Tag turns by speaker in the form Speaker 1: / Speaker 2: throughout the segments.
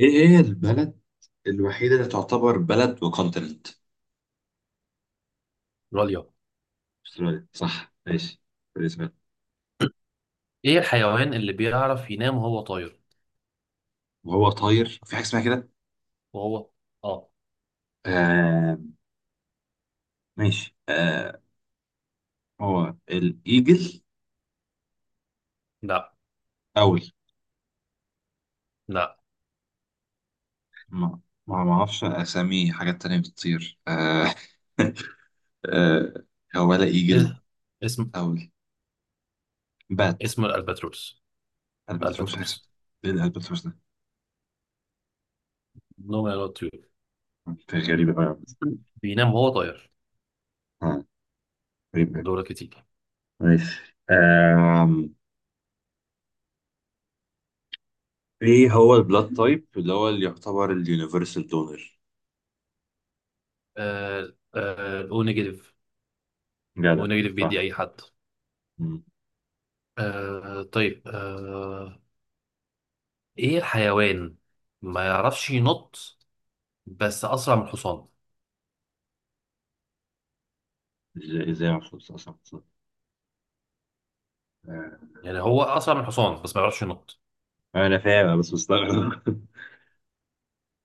Speaker 1: ايه هي البلد الوحيدة اللي تعتبر بلد وكونتيننت؟
Speaker 2: راليا.
Speaker 1: استراليا، صح. ماشي بالنسبة لي.
Speaker 2: ايه الحيوان اللي بيعرف ينام وهو طاير؟
Speaker 1: وهو طاير في حاجة اسمها كده.
Speaker 2: وهو اه
Speaker 1: آه، ماشي. آه. هو الايجل؟
Speaker 2: لا
Speaker 1: اول،
Speaker 2: لا.
Speaker 1: ما ما اعرفش اسامي حاجات تانية بتطير. آه آه، هو ولا ايجل؟
Speaker 2: إيه؟ اسم
Speaker 1: اول بات.
Speaker 2: اسم الالباتروس.
Speaker 1: الباتروس،
Speaker 2: الالباتروس
Speaker 1: ايه الالباتروس ده؟
Speaker 2: نوم يا طيور.
Speaker 1: غريبة قوي يا عم.
Speaker 2: بينام وهو طاير.
Speaker 1: آه، غريبة أوي.
Speaker 2: دورك تيجي.
Speaker 1: ماشي. ايه هو البلاد تايب اللي هو اللي يعتبر اليونيفرسال دونر؟
Speaker 2: آه او نيجاتيف. او
Speaker 1: جدع.
Speaker 2: نيجاتيف بيدي
Speaker 1: صح.
Speaker 2: اي حد.
Speaker 1: مم.
Speaker 2: آه طيب آه، ايه الحيوان ما يعرفش ينط بس اسرع من الحصان؟
Speaker 1: ازاي؟ ازاي؟ محفوظ، صح صح صح. آه.
Speaker 2: يعني هو اسرع من الحصان بس ما يعرفش ينط.
Speaker 1: انا فاهم بس مستغرب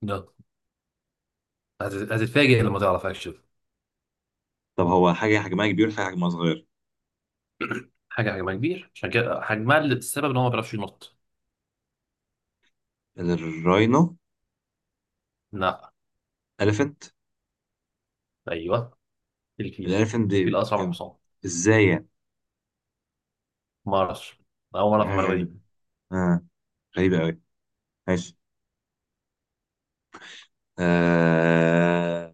Speaker 2: ده هتتفاجئ لما تعرف اكشن.
Speaker 1: طب هو حاجه حجمها كبير، حاجه حجمها صغير؟
Speaker 2: حاجة حجمها كبير، عشان كده حجمها اللي السبب ان هو ما بيعرفش ينط.
Speaker 1: الراينو؟
Speaker 2: لا.
Speaker 1: اليفنت؟
Speaker 2: ايوه، الفيل.
Speaker 1: الاليفنت دي؟
Speaker 2: الفيل اسرع من
Speaker 1: ام-
Speaker 2: الحصان.
Speaker 1: ازاي يعني؟
Speaker 2: ما اعرفش، اول مرة في
Speaker 1: حاجه
Speaker 2: المعلومة
Speaker 1: غريبه.
Speaker 2: دي.
Speaker 1: آه. غريبه قوي. ماشي. آه.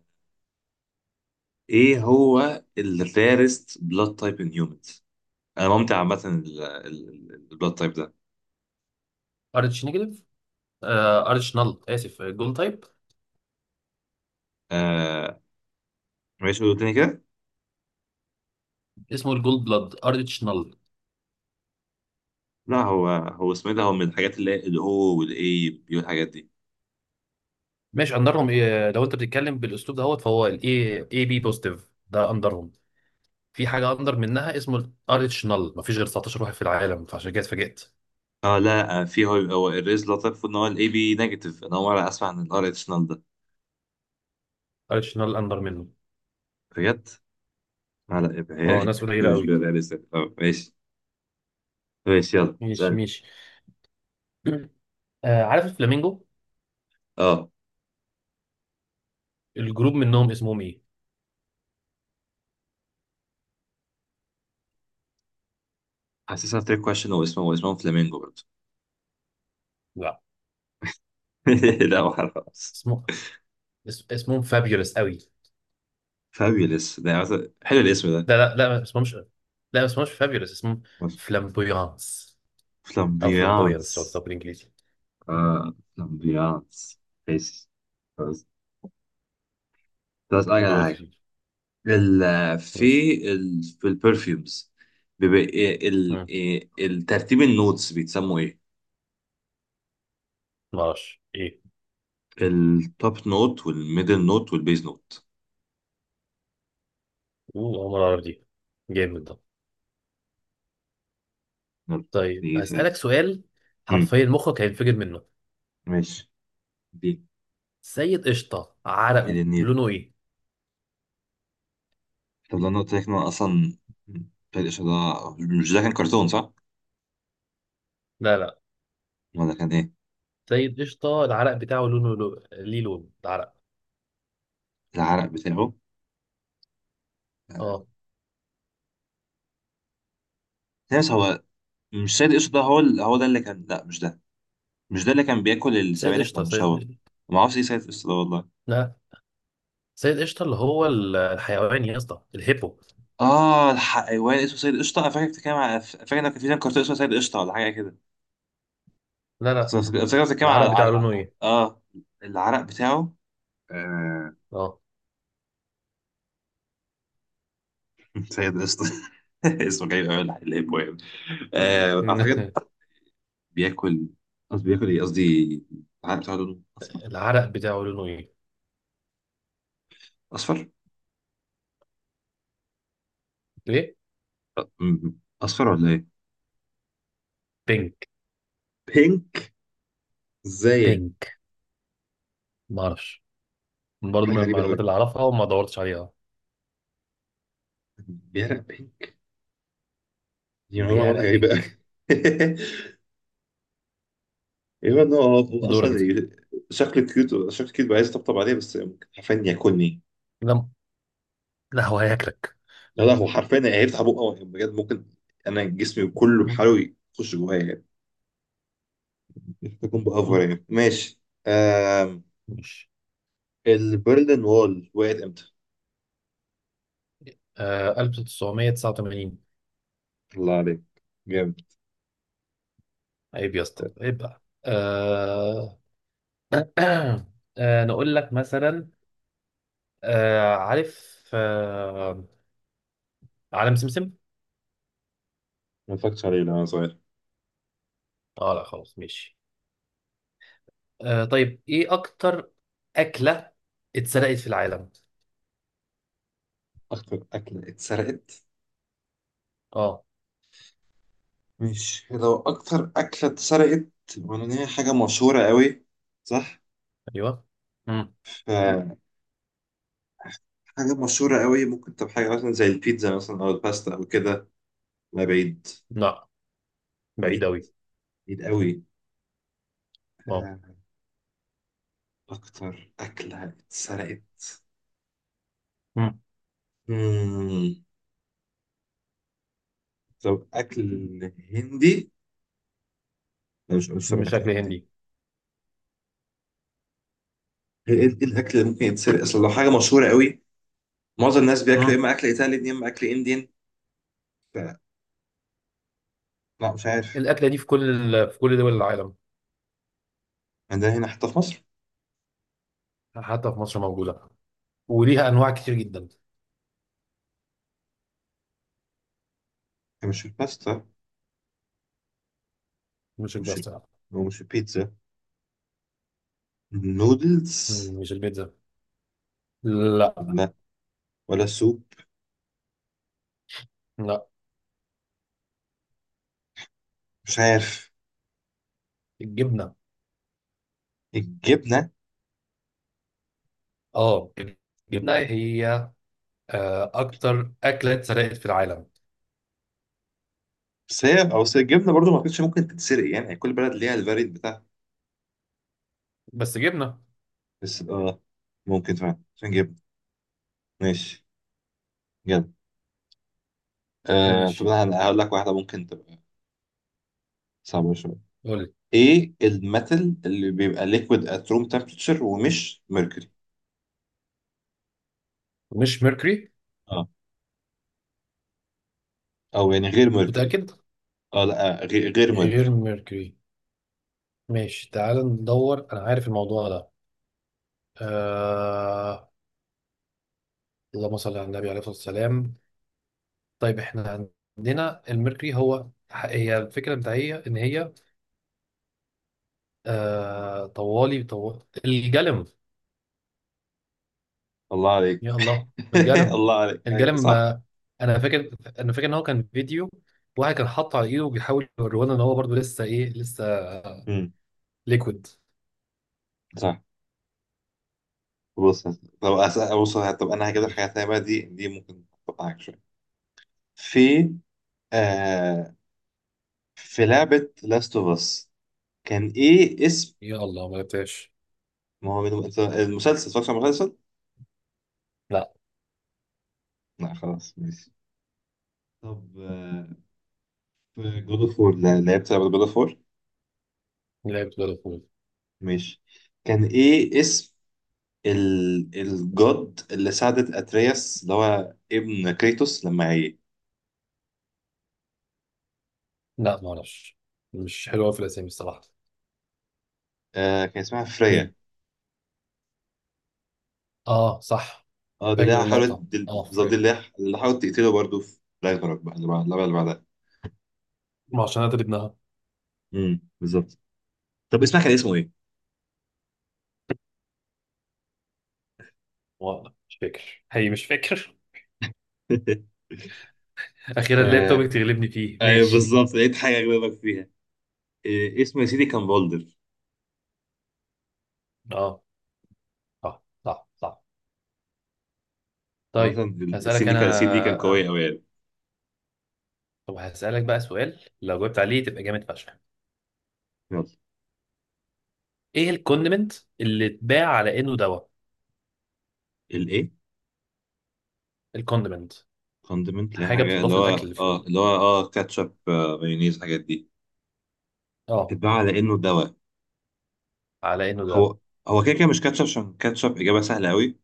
Speaker 1: ايه هو الريرست بلاد تايب ان هيومنز؟ انا ممتع عامه، البلاد تايب ده.
Speaker 2: ارتش نيجاتيف. آه ارتش نل، اسف جول تايب.
Speaker 1: آه. ماشي، قول تاني كده.
Speaker 2: اسمه الجول بلاد ارتش نل.
Speaker 1: لا، هو اسمه إيه ده؟ هو من الحاجات اللي هي الاو والاي والحاجات دي.
Speaker 2: ماشي، اندرهم إيه؟ لو انت بتتكلم بالاسلوب دهوت فهو الاي اي بي بوزيتيف ده اندرهم. في حاجة اندر منها اسمه الارتش نل، مفيش غير 19 واحد في العالم، فعشان كده اتفاجئت.
Speaker 1: اه لا، آه، في هو الريز لطيف، المفروض ان هو الاي بي نيجاتيف. انا اول مره اسمع عن الار اديشنال ده.
Speaker 2: ارتش نل اندر منه.
Speaker 1: بجد؟ لا لا، يبقى
Speaker 2: اه ناس قليلة
Speaker 1: هي مش
Speaker 2: قوي.
Speaker 1: بيرياليستيك. اه ماشي. ماشي، يلا
Speaker 2: ماشي
Speaker 1: اسالني.
Speaker 2: ماشي. آه عارف الفلامينجو؟
Speaker 1: اه
Speaker 2: الجروب منهم اسمهم ايه؟
Speaker 1: حاسسها تريك كويشن، واسمه فلامينجو برضه.
Speaker 2: لا،
Speaker 1: لا، ما خلاص.
Speaker 2: اسمه اسمهم فابيولس قوي.
Speaker 1: فابيولس ده حلو الاسم ده.
Speaker 2: لا لا لا، ما اسمهمش. لا ما اسمهمش فابيولس، اسمهم فلامبويانس. او فلامبويانس لو
Speaker 1: فلامبيانس.
Speaker 2: تطلع بالانجليزي.
Speaker 1: اه، فلامبيانس. ماشي، خلاص. طب اسالك على
Speaker 2: دول
Speaker 1: حاجه.
Speaker 2: كتير.
Speaker 1: ال في
Speaker 2: ماشي.
Speaker 1: في البرفيومز، بيبقى إيه- ال
Speaker 2: مم.
Speaker 1: إيه- الترتيب النوتس بيتسموا ايه؟
Speaker 2: ما اعرفش ايه.
Speaker 1: التوب نوت والميدل نوت والبيز نوت.
Speaker 2: اوه، أول مرة اعرف دي. جامد ده.
Speaker 1: يلا.
Speaker 2: طيب
Speaker 1: دي سؤال.
Speaker 2: هسألك سؤال
Speaker 1: امم
Speaker 2: حرفيا مخك هينفجر منه.
Speaker 1: ماشي. دي.
Speaker 2: سيد قشطة
Speaker 1: ايه
Speaker 2: عرقه
Speaker 1: ده النيل؟
Speaker 2: لونه ايه؟
Speaker 1: طب لو انا قلت لك إن أنا اصلا فرق الإشارة، مش ده كان كرتون، صح؟
Speaker 2: لا لا.
Speaker 1: ولا كان ايه؟
Speaker 2: سيد قشطة، العرق بتاعه لونه لو... ليه لون العرق.
Speaker 1: العرق بتاعه. آه.
Speaker 2: اه.
Speaker 1: ناس هو، مش سيد قشطة ده. هو هو ده اللي كان. لا، مش ده. مش ده اللي كان بياكل
Speaker 2: سيد
Speaker 1: السبانخ
Speaker 2: قشطة
Speaker 1: لما شوى.
Speaker 2: سيد.
Speaker 1: ما اعرفش ايه سيد قشطة ده والله.
Speaker 2: لا، سيد قشطة اللي هو الحيوان يا اسطى، الهيبو.
Speaker 1: اه، الحيوان اسمه سيد قشطة. انا فاكر بتتكلم على، فاكر ان كان في كرتون اسمه سيد قشطة ولا حاجة كده.
Speaker 2: لا لا.
Speaker 1: فاكر بتتكلم
Speaker 2: العرق بتاعه
Speaker 1: على
Speaker 2: لونه ايه؟
Speaker 1: اه. العرق بتاعه. آه،
Speaker 2: اه.
Speaker 1: سيد قشطة اسمه جاي من أول اللي هيبقى يعني. آه، أعتقد. بياكل، قصدي بياكل إيه، قصدي العلم بتاعه لونه أصفر.
Speaker 2: العرق بتاعه لونه ايه؟
Speaker 1: أصفر.
Speaker 2: ليه؟
Speaker 1: أ- م- أصفر ولا إيه؟
Speaker 2: بينك.
Speaker 1: بينك. إزاي يعني؟
Speaker 2: بينك. ما اعرفش، برضه
Speaker 1: حاجة
Speaker 2: من
Speaker 1: غريبة
Speaker 2: المعلومات
Speaker 1: أوي.
Speaker 2: اللي اعرفها وما دورتش عليها.
Speaker 1: بيعرق بينك. دي معلومة،
Speaker 2: بيعرق
Speaker 1: غريبة
Speaker 2: بينك.
Speaker 1: أوي. إيه إن هو
Speaker 2: دورك
Speaker 1: أصلا
Speaker 2: دي.
Speaker 1: شكله كيوت. بقى عايز أطبطب عليه بس ممكن حرفيا ياكلني.
Speaker 2: لا، لا هو هياكلك.
Speaker 1: لا لا، هو حرفيا هيفتح بقه بجد ممكن. أنا جسمي كله بحاله يخش جوايا. تكون بأفور يعني. ماشي. آم.
Speaker 2: ماشي.
Speaker 1: البرلين وول وقعت امتى؟
Speaker 2: آه، 1989.
Speaker 1: الله عليك. جامد.
Speaker 2: عيب يا اسطى، عيب بقى آه... آه نقول لك مثلا، آه عارف آه عالم سمسم؟
Speaker 1: ما فكرتش عليه لما صغير.
Speaker 2: اه لا خلاص ماشي. آه طيب، ايه اكتر اكله اتسرقت في العالم؟
Speaker 1: أكتر أكلة اتسرقت.
Speaker 2: اه.
Speaker 1: مش لو أكتر أكلة اتسرقت، وأنا إن هي حاجة مشهورة قوي، صح؟
Speaker 2: ايوه. امم.
Speaker 1: ف، حاجة مشهورة قوي ممكن تبقى حاجة مثلا زي البيتزا مثلا أو الباستا أو كده. لا، بعيد.
Speaker 2: لا بعيد
Speaker 1: بعيد،
Speaker 2: قوي.
Speaker 1: بعيد قوي.
Speaker 2: اه.
Speaker 1: آه، أكتر أكلة اتسرقت.
Speaker 2: امم.
Speaker 1: مم. طب أكل هندي؟ لا، مش طبعا
Speaker 2: مش
Speaker 1: أكل
Speaker 2: اكل
Speaker 1: هندي.
Speaker 2: هندي.
Speaker 1: هي ايه، إيه الاكل اللي ممكن يتسرق اصل لو حاجه مشهوره قوي؟ معظم الناس بياكلوا يا
Speaker 2: امم.
Speaker 1: اما اكل ايطالي يا اما اكل انديان. ف- لا، مش عارف.
Speaker 2: الاكله دي في كل في كل دول العالم،
Speaker 1: يعني ده هنا حتى في مصر.
Speaker 2: حتى في مصر موجوده، وليها انواع كتير جدا.
Speaker 1: مش الباستا.
Speaker 2: مش
Speaker 1: مش ال...
Speaker 2: الباستا.
Speaker 1: هو مش البيتزا؟ النودلز؟
Speaker 2: مم، مش البيتزا. لا
Speaker 1: لا. ولا السوب؟
Speaker 2: لا.
Speaker 1: مش عارف.
Speaker 2: الجبنه.
Speaker 1: الجبنه؟
Speaker 2: اه، الجبنه هي آه اكتر اكله اتسرقت في العالم.
Speaker 1: بس هي او بس الجبنه برضو ما كانتش ممكن تتسرق يعني، يعني كل بلد ليها الفاريد بتاعها.
Speaker 2: بس جبنه.
Speaker 1: بس ممكن فعلا عشان جبنه. ماشي. يلا. آه، طب
Speaker 2: ماشي
Speaker 1: انا هقول لك واحده ممكن تبقى صعبه شويه.
Speaker 2: قول لي.
Speaker 1: ايه الميتال اللي بيبقى ليكويد ات روم تمبريتشر ومش ميركوري؟
Speaker 2: مش ميركوري؟
Speaker 1: اه او يعني، غير ميركوري يعني.
Speaker 2: متاكد؟
Speaker 1: اه، لا، غير
Speaker 2: غير
Speaker 1: ميركوري.
Speaker 2: ميركوري. ماشي تعال ندور، انا عارف الموضوع ده آه... اللهم صل على النبي عليه الصلاه والسلام. طيب احنا عندنا الميركوري هو، هي الفكره بتاعتي ان هي آه... طوالي طو... الجلم.
Speaker 1: الله عليك
Speaker 2: يا الله الجلم.
Speaker 1: الله عليك، ايوه،
Speaker 2: الجلم
Speaker 1: صح.
Speaker 2: آه، انا فاكر انا فاكر ان هو كان فيديو، واحد كان حاطه على ايده وبيحاول يوريهولنا ان هو برضه لسه ايه، لسه
Speaker 1: امم
Speaker 2: ليكويد.
Speaker 1: صح. بص. طب انا هجيب لك حاجه
Speaker 2: ماشي.
Speaker 1: ثانيه بقى. دي ممكن تقطعك شويه. في، آه، في لعبه لاست اوف اس، كان ايه اسم؟
Speaker 2: يا الله ما لعبتهاش.
Speaker 1: ما هو أنت المسلسل، اتفرجت على المسلسل؟
Speaker 2: لا
Speaker 1: لا، خلاص، ماشي. طب آه، في جود اوف وور، لعبت لعبه جود اوف وور؟
Speaker 2: لعبت بلد.
Speaker 1: ماشي، كان ايه اسم ال، الجد اللي ساعدت اترياس اللي هو ابن كريتوس لما عيه؟
Speaker 2: لا ما اعرفش، مش حلوه في الاسامي الصراحه.
Speaker 1: آه، كان اسمها فريا.
Speaker 2: مين؟ اه صح.
Speaker 1: اه، دي اللي
Speaker 2: فاكر
Speaker 1: هي حاولت،
Speaker 2: اللقطة
Speaker 1: دي
Speaker 2: اه
Speaker 1: بالظبط دي
Speaker 2: فريم،
Speaker 1: اللي هي- اللي حاولت تقتله برضه في راجناروك بقى، اللي بعدها.
Speaker 2: عشان انا ابنها.
Speaker 1: بالظبط. طب اسمها، كان اسمه ايه؟
Speaker 2: والله مش فاكر، هي مش فاكر. اخيرا لقيت
Speaker 1: آه،
Speaker 2: توبيك تغلبني فيه.
Speaker 1: ايوه
Speaker 2: ماشي.
Speaker 1: بالظبط، لقيت حاجه اجاوبك فيها. إيه اسمه يا سيدي؟ كان فولدر.
Speaker 2: اه صح صح صح.
Speaker 1: عامة
Speaker 2: طيب
Speaker 1: السين
Speaker 2: هسألك
Speaker 1: دي
Speaker 2: انا
Speaker 1: كان، قوية أوي يعني.
Speaker 2: طب هسألك بقى سؤال لو جاوبت عليه تبقى جامد فشخ.
Speaker 1: يلا.
Speaker 2: ايه الكوندمنت اللي اتباع على انه دواء؟
Speaker 1: الايه؟
Speaker 2: الكوندمنت
Speaker 1: فاندمنت، اللي هي
Speaker 2: حاجة
Speaker 1: حاجة اللي
Speaker 2: بتضاف
Speaker 1: هو
Speaker 2: للاكل في ال...
Speaker 1: اللي هو كاتشب، آه، مايونيز، الحاجات دي.
Speaker 2: اه
Speaker 1: اتباع على انه دواء.
Speaker 2: على انه دواء.
Speaker 1: هو، كده كده مش كاتشب، عشان كاتشب اجابه سهله قوي.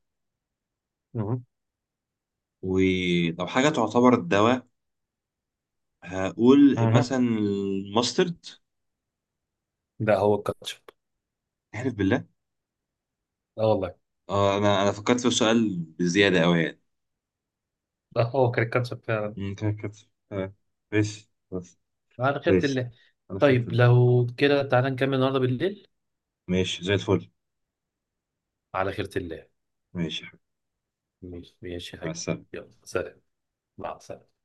Speaker 2: مهم.
Speaker 1: ولو حاجه تعتبر الدواء، هقول مثلا
Speaker 2: مهم.
Speaker 1: الماسترد.
Speaker 2: ده هو الكاتشب.
Speaker 1: احلف بالله.
Speaker 2: اه والله.
Speaker 1: اه، انا فكرت في السؤال بزياده قوي يعني.
Speaker 2: ده هو كان الكاتشب فعلا.
Speaker 1: أمم، كده كاتشب. آه، ماشي، خلاص.
Speaker 2: على خيرة
Speaker 1: ماشي،
Speaker 2: الله.
Speaker 1: انا خدت
Speaker 2: طيب
Speaker 1: ده.
Speaker 2: لو كده تعالى نكمل النهارده بالليل.
Speaker 1: ماشي، زي الفل.
Speaker 2: على خيرة الله.
Speaker 1: ماشي يا حبيبي.
Speaker 2: ماشي ماشي يا
Speaker 1: مع
Speaker 2: حبيبي،
Speaker 1: السلامه.
Speaker 2: يلا سلام. مع السلامة.